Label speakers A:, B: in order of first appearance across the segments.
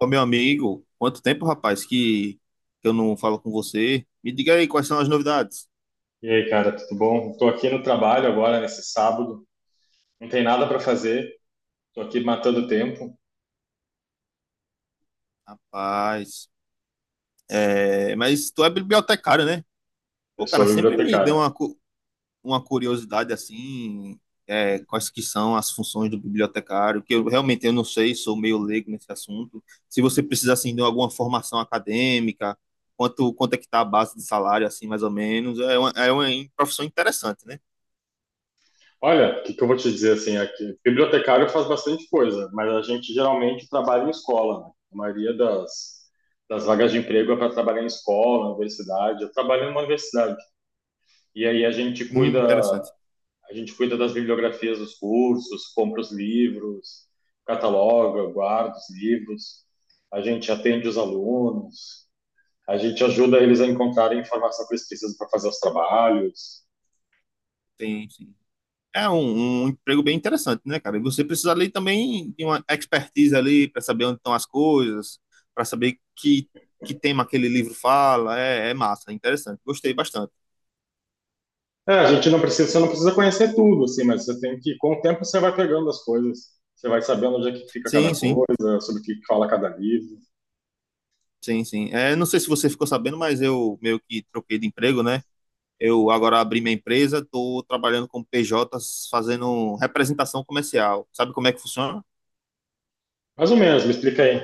A: Ô, meu amigo, quanto tempo, rapaz, que eu não falo com você. Me diga aí quais são as novidades.
B: E aí, cara, tudo bom? Tô aqui no trabalho agora, nesse sábado. Não tem nada para fazer. Tô aqui matando tempo.
A: Rapaz, é, mas tu é bibliotecário, né?
B: Eu
A: Pô,
B: sou
A: cara, sempre me deu
B: bibliotecário.
A: uma, uma curiosidade assim, é, quais que são as funções do bibliotecário, que eu realmente eu não sei, sou meio leigo nesse assunto. Se você precisa assim de alguma formação acadêmica, quanto é que tá a base de salário assim, mais ou menos, é uma profissão interessante, né?
B: Olha, o que que eu vou te dizer assim aqui? Bibliotecário faz bastante coisa, mas a gente geralmente trabalha em escola, né? A maioria das vagas de emprego é para trabalhar em escola, universidade. Eu trabalho numa universidade. E aí a gente cuida,
A: Interessante.
B: a gente cuida das bibliografias dos cursos, compra os livros, cataloga, guarda os livros. A gente atende os alunos. A gente ajuda eles a encontrarem a informação que eles precisam para fazer os trabalhos.
A: Tem, sim. Um emprego bem interessante, né, cara? E você precisa ali também de uma expertise ali para saber onde estão as coisas, para saber que tema aquele livro fala. É, é massa, é interessante. Gostei bastante.
B: É, a gente não precisa, você não precisa conhecer tudo, assim, mas você tem que, com o tempo, você vai pegando as coisas, você vai sabendo onde é que fica cada
A: Sim, sim,
B: coisa, sobre o que fala cada livro.
A: sim, sim. É, não sei se você ficou sabendo, mas eu meio que troquei de emprego, né? Eu agora abri minha empresa, estou trabalhando com PJs, fazendo representação comercial. Sabe como é que funciona?
B: Mais ou menos, me explica aí.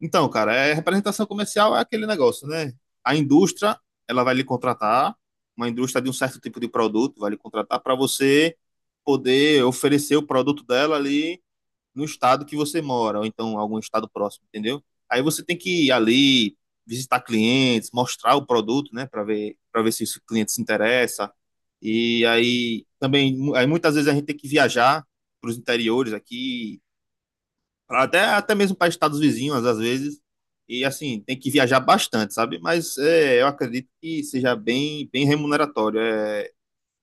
A: Então, cara, é, representação comercial é aquele negócio, né? A indústria, ela vai lhe contratar, uma indústria de um certo tipo de produto vai lhe contratar para você poder oferecer o produto dela ali no estado que você mora, ou então algum estado próximo, entendeu? Aí você tem que ir ali, visitar clientes, mostrar o produto, né, para ver se o cliente se interessa. E aí também, aí muitas vezes a gente tem que viajar para os interiores aqui até mesmo para estados vizinhos, às vezes. E assim, tem que viajar bastante, sabe? Mas é, eu acredito que seja bem remuneratório. É,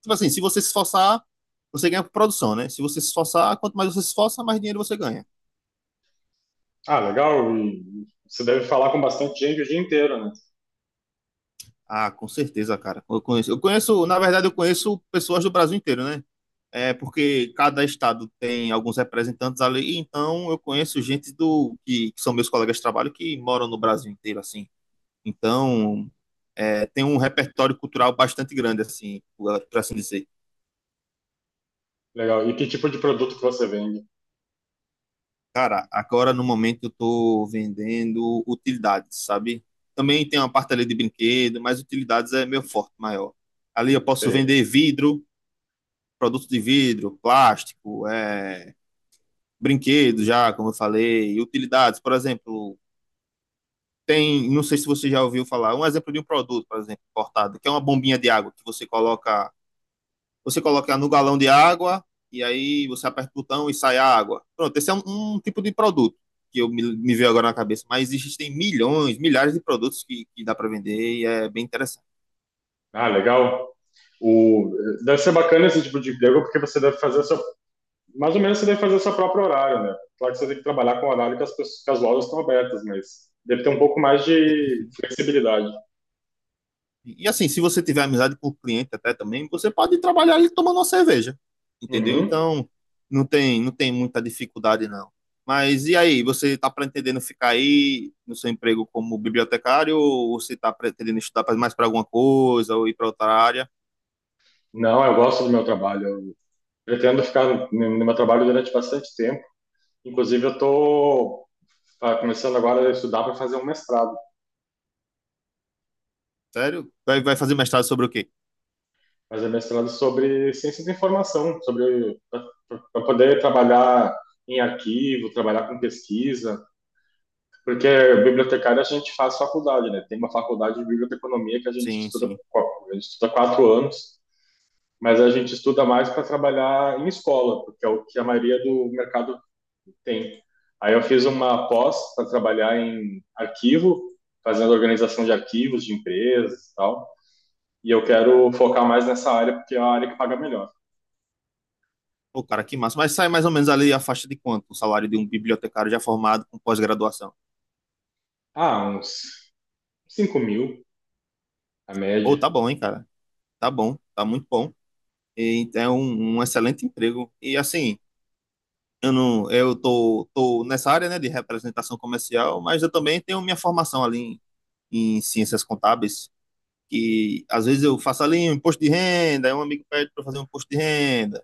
A: tipo assim, se você se esforçar, você ganha por produção, né? Se você se esforçar, quanto mais você se esforça, mais dinheiro você ganha.
B: Ah, legal, e você deve falar com bastante gente o dia inteiro, né?
A: Ah, com certeza, cara. Na verdade, eu conheço pessoas do Brasil inteiro, né? É porque cada estado tem alguns representantes ali, então eu conheço gente que são meus colegas de trabalho que moram no Brasil inteiro, assim. Então, é, tem um repertório cultural bastante grande, assim, para assim dizer.
B: Legal. E que tipo de produto que você vende?
A: Cara, agora no momento eu estou vendendo utilidades, sabe? Também tem uma parte ali de brinquedo, mas utilidades é meu forte, maior. Ali eu posso
B: Sei.
A: vender vidro, produtos de vidro, plástico, é, brinquedo já, como eu falei, e utilidades, por exemplo, tem, não sei se você já ouviu falar, um exemplo de um produto, por exemplo, cortado, que é uma bombinha de água que você coloca no galão de água e aí você aperta o botão e sai a água. Pronto, esse é um tipo de produto que me veio agora na cabeça, mas existem milhões, milhares de produtos que dá para vender e é bem interessante.
B: Ah, legal. O, deve ser bacana esse tipo de emprego, porque você deve fazer o seu, mais ou menos você deve fazer o seu próprio horário, né? Claro que você tem que trabalhar com o horário que as pessoas, que as lojas estão abertas, mas deve ter um pouco mais
A: Sim,
B: de
A: sim.
B: flexibilidade.
A: E assim, se você tiver amizade com o cliente até também, você pode trabalhar ali tomando uma cerveja, entendeu?
B: Uhum.
A: Então, não tem muita dificuldade não. Mas e aí, você está pretendendo ficar aí no seu emprego como bibliotecário ou você está pretendendo estudar mais para alguma coisa ou ir para outra área?
B: Não, eu gosto do meu trabalho. Eu pretendo ficar no meu trabalho durante bastante tempo. Inclusive, eu estou começando agora a estudar para fazer um mestrado,
A: Sério? Vai fazer mestrado sobre o quê?
B: fazer mestrado sobre ciência da informação, sobre para poder trabalhar em arquivo, trabalhar com pesquisa. Porque bibliotecário a gente faz faculdade, né? Tem uma faculdade de biblioteconomia que
A: Sim, sim.
B: a gente estuda quatro anos, mas a gente estuda mais para trabalhar em escola, porque é o que a maioria do mercado tem. Aí eu fiz uma pós para trabalhar em arquivo, fazendo organização de arquivos de empresas e tal. E eu quero focar mais nessa área, porque é a área que paga melhor.
A: Pô, cara, que massa. Mas sai mais ou menos ali a faixa de quanto? O salário de um bibliotecário já formado com pós-graduação.
B: Ah, uns 5 mil, a
A: Pô,
B: média.
A: tá bom, hein, cara? Tá bom, tá muito bom. E é um, um excelente emprego. E assim, eu não, eu tô, tô nessa área, né, de representação comercial, mas eu também tenho minha formação ali em ciências contábeis, que às vezes eu faço ali um imposto de renda, aí um amigo pede para fazer um imposto de renda.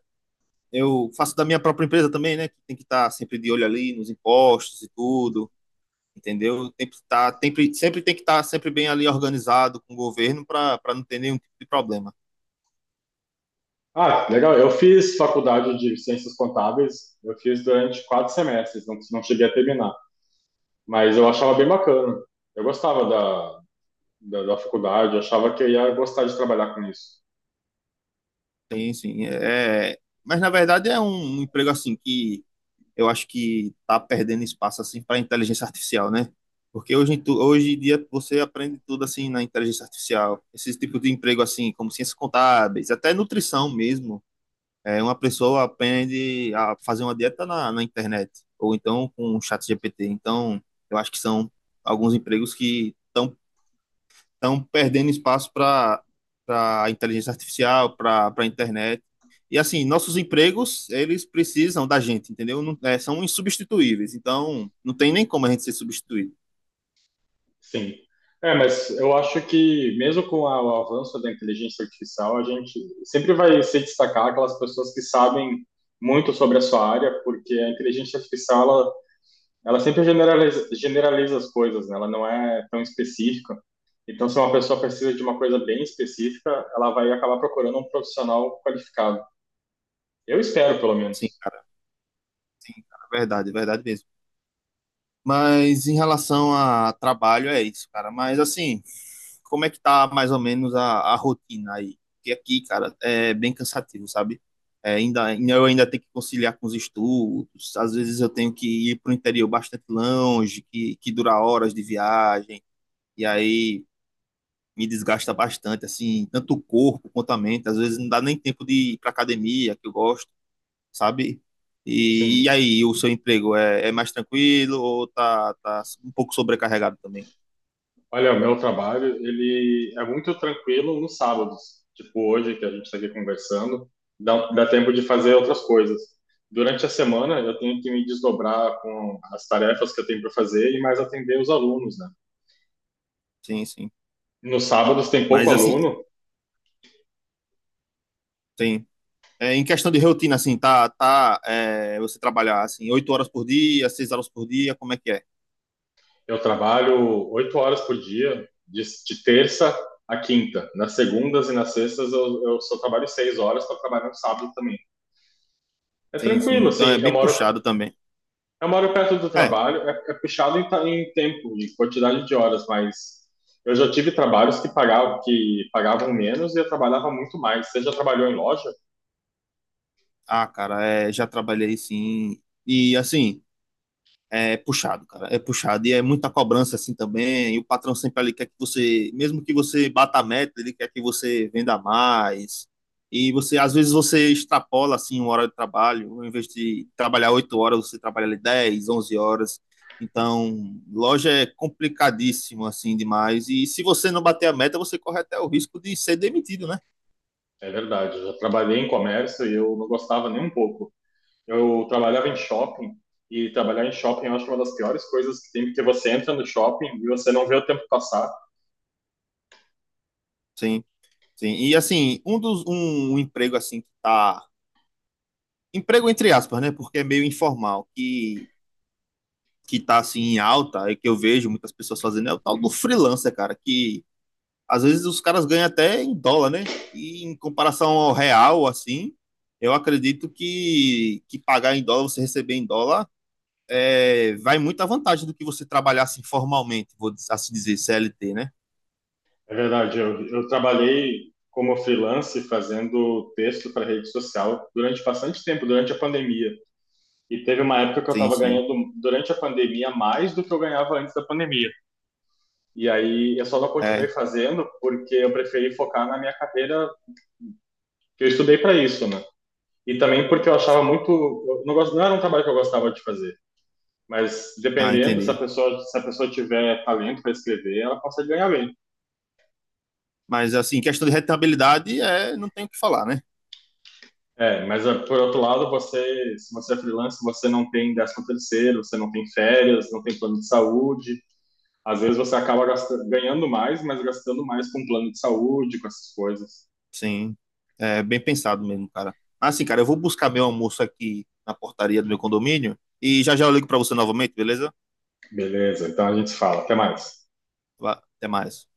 A: Eu faço da minha própria empresa também, né? Que tem que estar sempre de olho ali nos impostos e tudo, entendeu? Tem que estar, sempre, sempre tem que estar sempre bem ali organizado com o governo para não ter nenhum tipo de problema.
B: Ah, legal. Eu fiz faculdade de ciências contábeis, eu fiz durante quatro semestres, não, não cheguei a terminar, mas eu achava bem bacana. Eu gostava da faculdade, eu achava que eu ia gostar de trabalhar com isso.
A: Tem, sim. É, mas na verdade é um emprego assim que eu acho que está perdendo espaço assim para inteligência artificial, né? Porque hoje, hoje em dia você aprende tudo assim na inteligência artificial. Esse tipo de emprego assim, como ciências contábeis, até nutrição mesmo. É, uma pessoa aprende a fazer uma dieta na internet, ou então com o chat GPT. Então, eu acho que são alguns empregos que estão perdendo espaço para a inteligência artificial, para a internet. E assim, nossos empregos, eles precisam da gente, entendeu? Não, é, são insubstituíveis. Então, não tem nem como a gente ser substituído.
B: Sim. É, mas eu acho que mesmo com o avanço da inteligência artificial, a gente sempre vai se destacar aquelas pessoas que sabem muito sobre a sua área, porque a inteligência artificial, ela sempre generaliza, generaliza as coisas, né? Ela não é tão específica. Então, se uma pessoa precisa de uma coisa bem específica, ela vai acabar procurando um profissional qualificado. Eu espero, pelo
A: Sim,
B: menos.
A: cara. Sim, cara. Verdade, verdade mesmo. Mas em relação a trabalho, é isso, cara. Mas assim, como é que tá mais ou menos a rotina aí? Porque aqui, cara, é bem cansativo, sabe? É, ainda, eu ainda tenho que conciliar com os estudos, às vezes eu tenho que ir para o interior bastante longe, que dura horas de viagem, e aí me desgasta bastante, assim, tanto o corpo quanto a mente. Às vezes não dá nem tempo de ir para academia, que eu gosto sabe? E
B: Sim.
A: aí, o seu emprego é, é mais tranquilo ou tá, tá um pouco sobrecarregado também?
B: Olha, o meu trabalho, ele é muito tranquilo nos sábados. Tipo hoje, que a gente está aqui conversando, dá tempo de fazer outras coisas. Durante a semana, eu tenho que me desdobrar com as tarefas que eu tenho para fazer e mais atender os alunos, né?
A: Sim, sim.
B: Nos sábados tem pouco
A: Mas assim,
B: aluno.
A: sim. É, em questão de rotina, assim, tá, tá, é, você trabalhar assim, 8 horas por dia, 6 horas por dia, como é que é?
B: Eu trabalho oito horas por dia, de terça a quinta. Nas segundas e nas sextas eu só trabalho seis horas, estou trabalhando sábado também. É
A: Sim, sim.
B: tranquilo, assim,
A: Então é
B: eu
A: bem
B: moro,
A: puxado também.
B: eu moro perto do
A: É.
B: trabalho, é é puxado em, em tempo, em quantidade de horas, mas eu já tive trabalhos que pagavam menos e eu trabalhava muito mais. Você já trabalhou em loja?
A: Ah, cara, é, já trabalhei sim. E assim, é puxado, cara. É puxado. E é muita cobrança assim também. E o patrão sempre ali quer que você, mesmo que você bata a meta, ele quer que você venda mais. E você, às vezes, você extrapola assim uma hora de trabalho. Em vez de trabalhar 8 horas, você trabalha ali 10, 11 horas. Então, loja é complicadíssimo assim demais. E se você não bater a meta, você corre até o risco de ser demitido, né?
B: É verdade, eu já trabalhei em comércio e eu não gostava nem um pouco. Eu trabalhava em shopping e trabalhar em shopping eu acho uma das piores coisas que tem, porque você entra no shopping e você não vê o tempo passar.
A: Sim, sim. E assim, um emprego assim que tá emprego entre aspas, né? Porque é meio informal, que tá assim em alta e que eu vejo muitas pessoas fazendo é o tal do freelancer, cara, que às vezes os caras ganham até em dólar, né? E em comparação ao real, assim, eu acredito que pagar em dólar, você receber em dólar, é, vai muita vantagem do que você trabalhar assim formalmente, vou assim dizer, CLT, né?
B: É verdade, eu trabalhei como freelance fazendo texto para rede social durante bastante tempo, durante a pandemia. E teve uma época que eu
A: Sim,
B: estava
A: sim.
B: ganhando durante a pandemia mais do que eu ganhava antes da pandemia. E aí eu só não continuei
A: É.
B: fazendo porque eu preferi focar na minha carreira, que eu estudei para isso, né? E também porque eu achava
A: Sim.
B: muito, eu não, gosto, não era um trabalho que eu gostava de fazer. Mas
A: Ah,
B: dependendo, se a
A: entendi.
B: pessoa, se a pessoa tiver talento para escrever, ela consegue ganhar bem.
A: Mas assim, questão de rentabilidade, é, não tem o que falar, né?
B: É, mas ah, por outro lado, você, se você é freelancer, você não tem 13º terceiro, você não tem férias, não tem plano de saúde. Às vezes você acaba gastando, ganhando mais, mas gastando mais com plano de saúde, com essas coisas.
A: Sim, é bem pensado mesmo, cara. Assim, cara, eu vou buscar meu almoço aqui na portaria do meu condomínio e já já eu ligo pra você novamente, beleza?
B: Beleza, então a gente fala. Até mais.
A: Vá, até mais.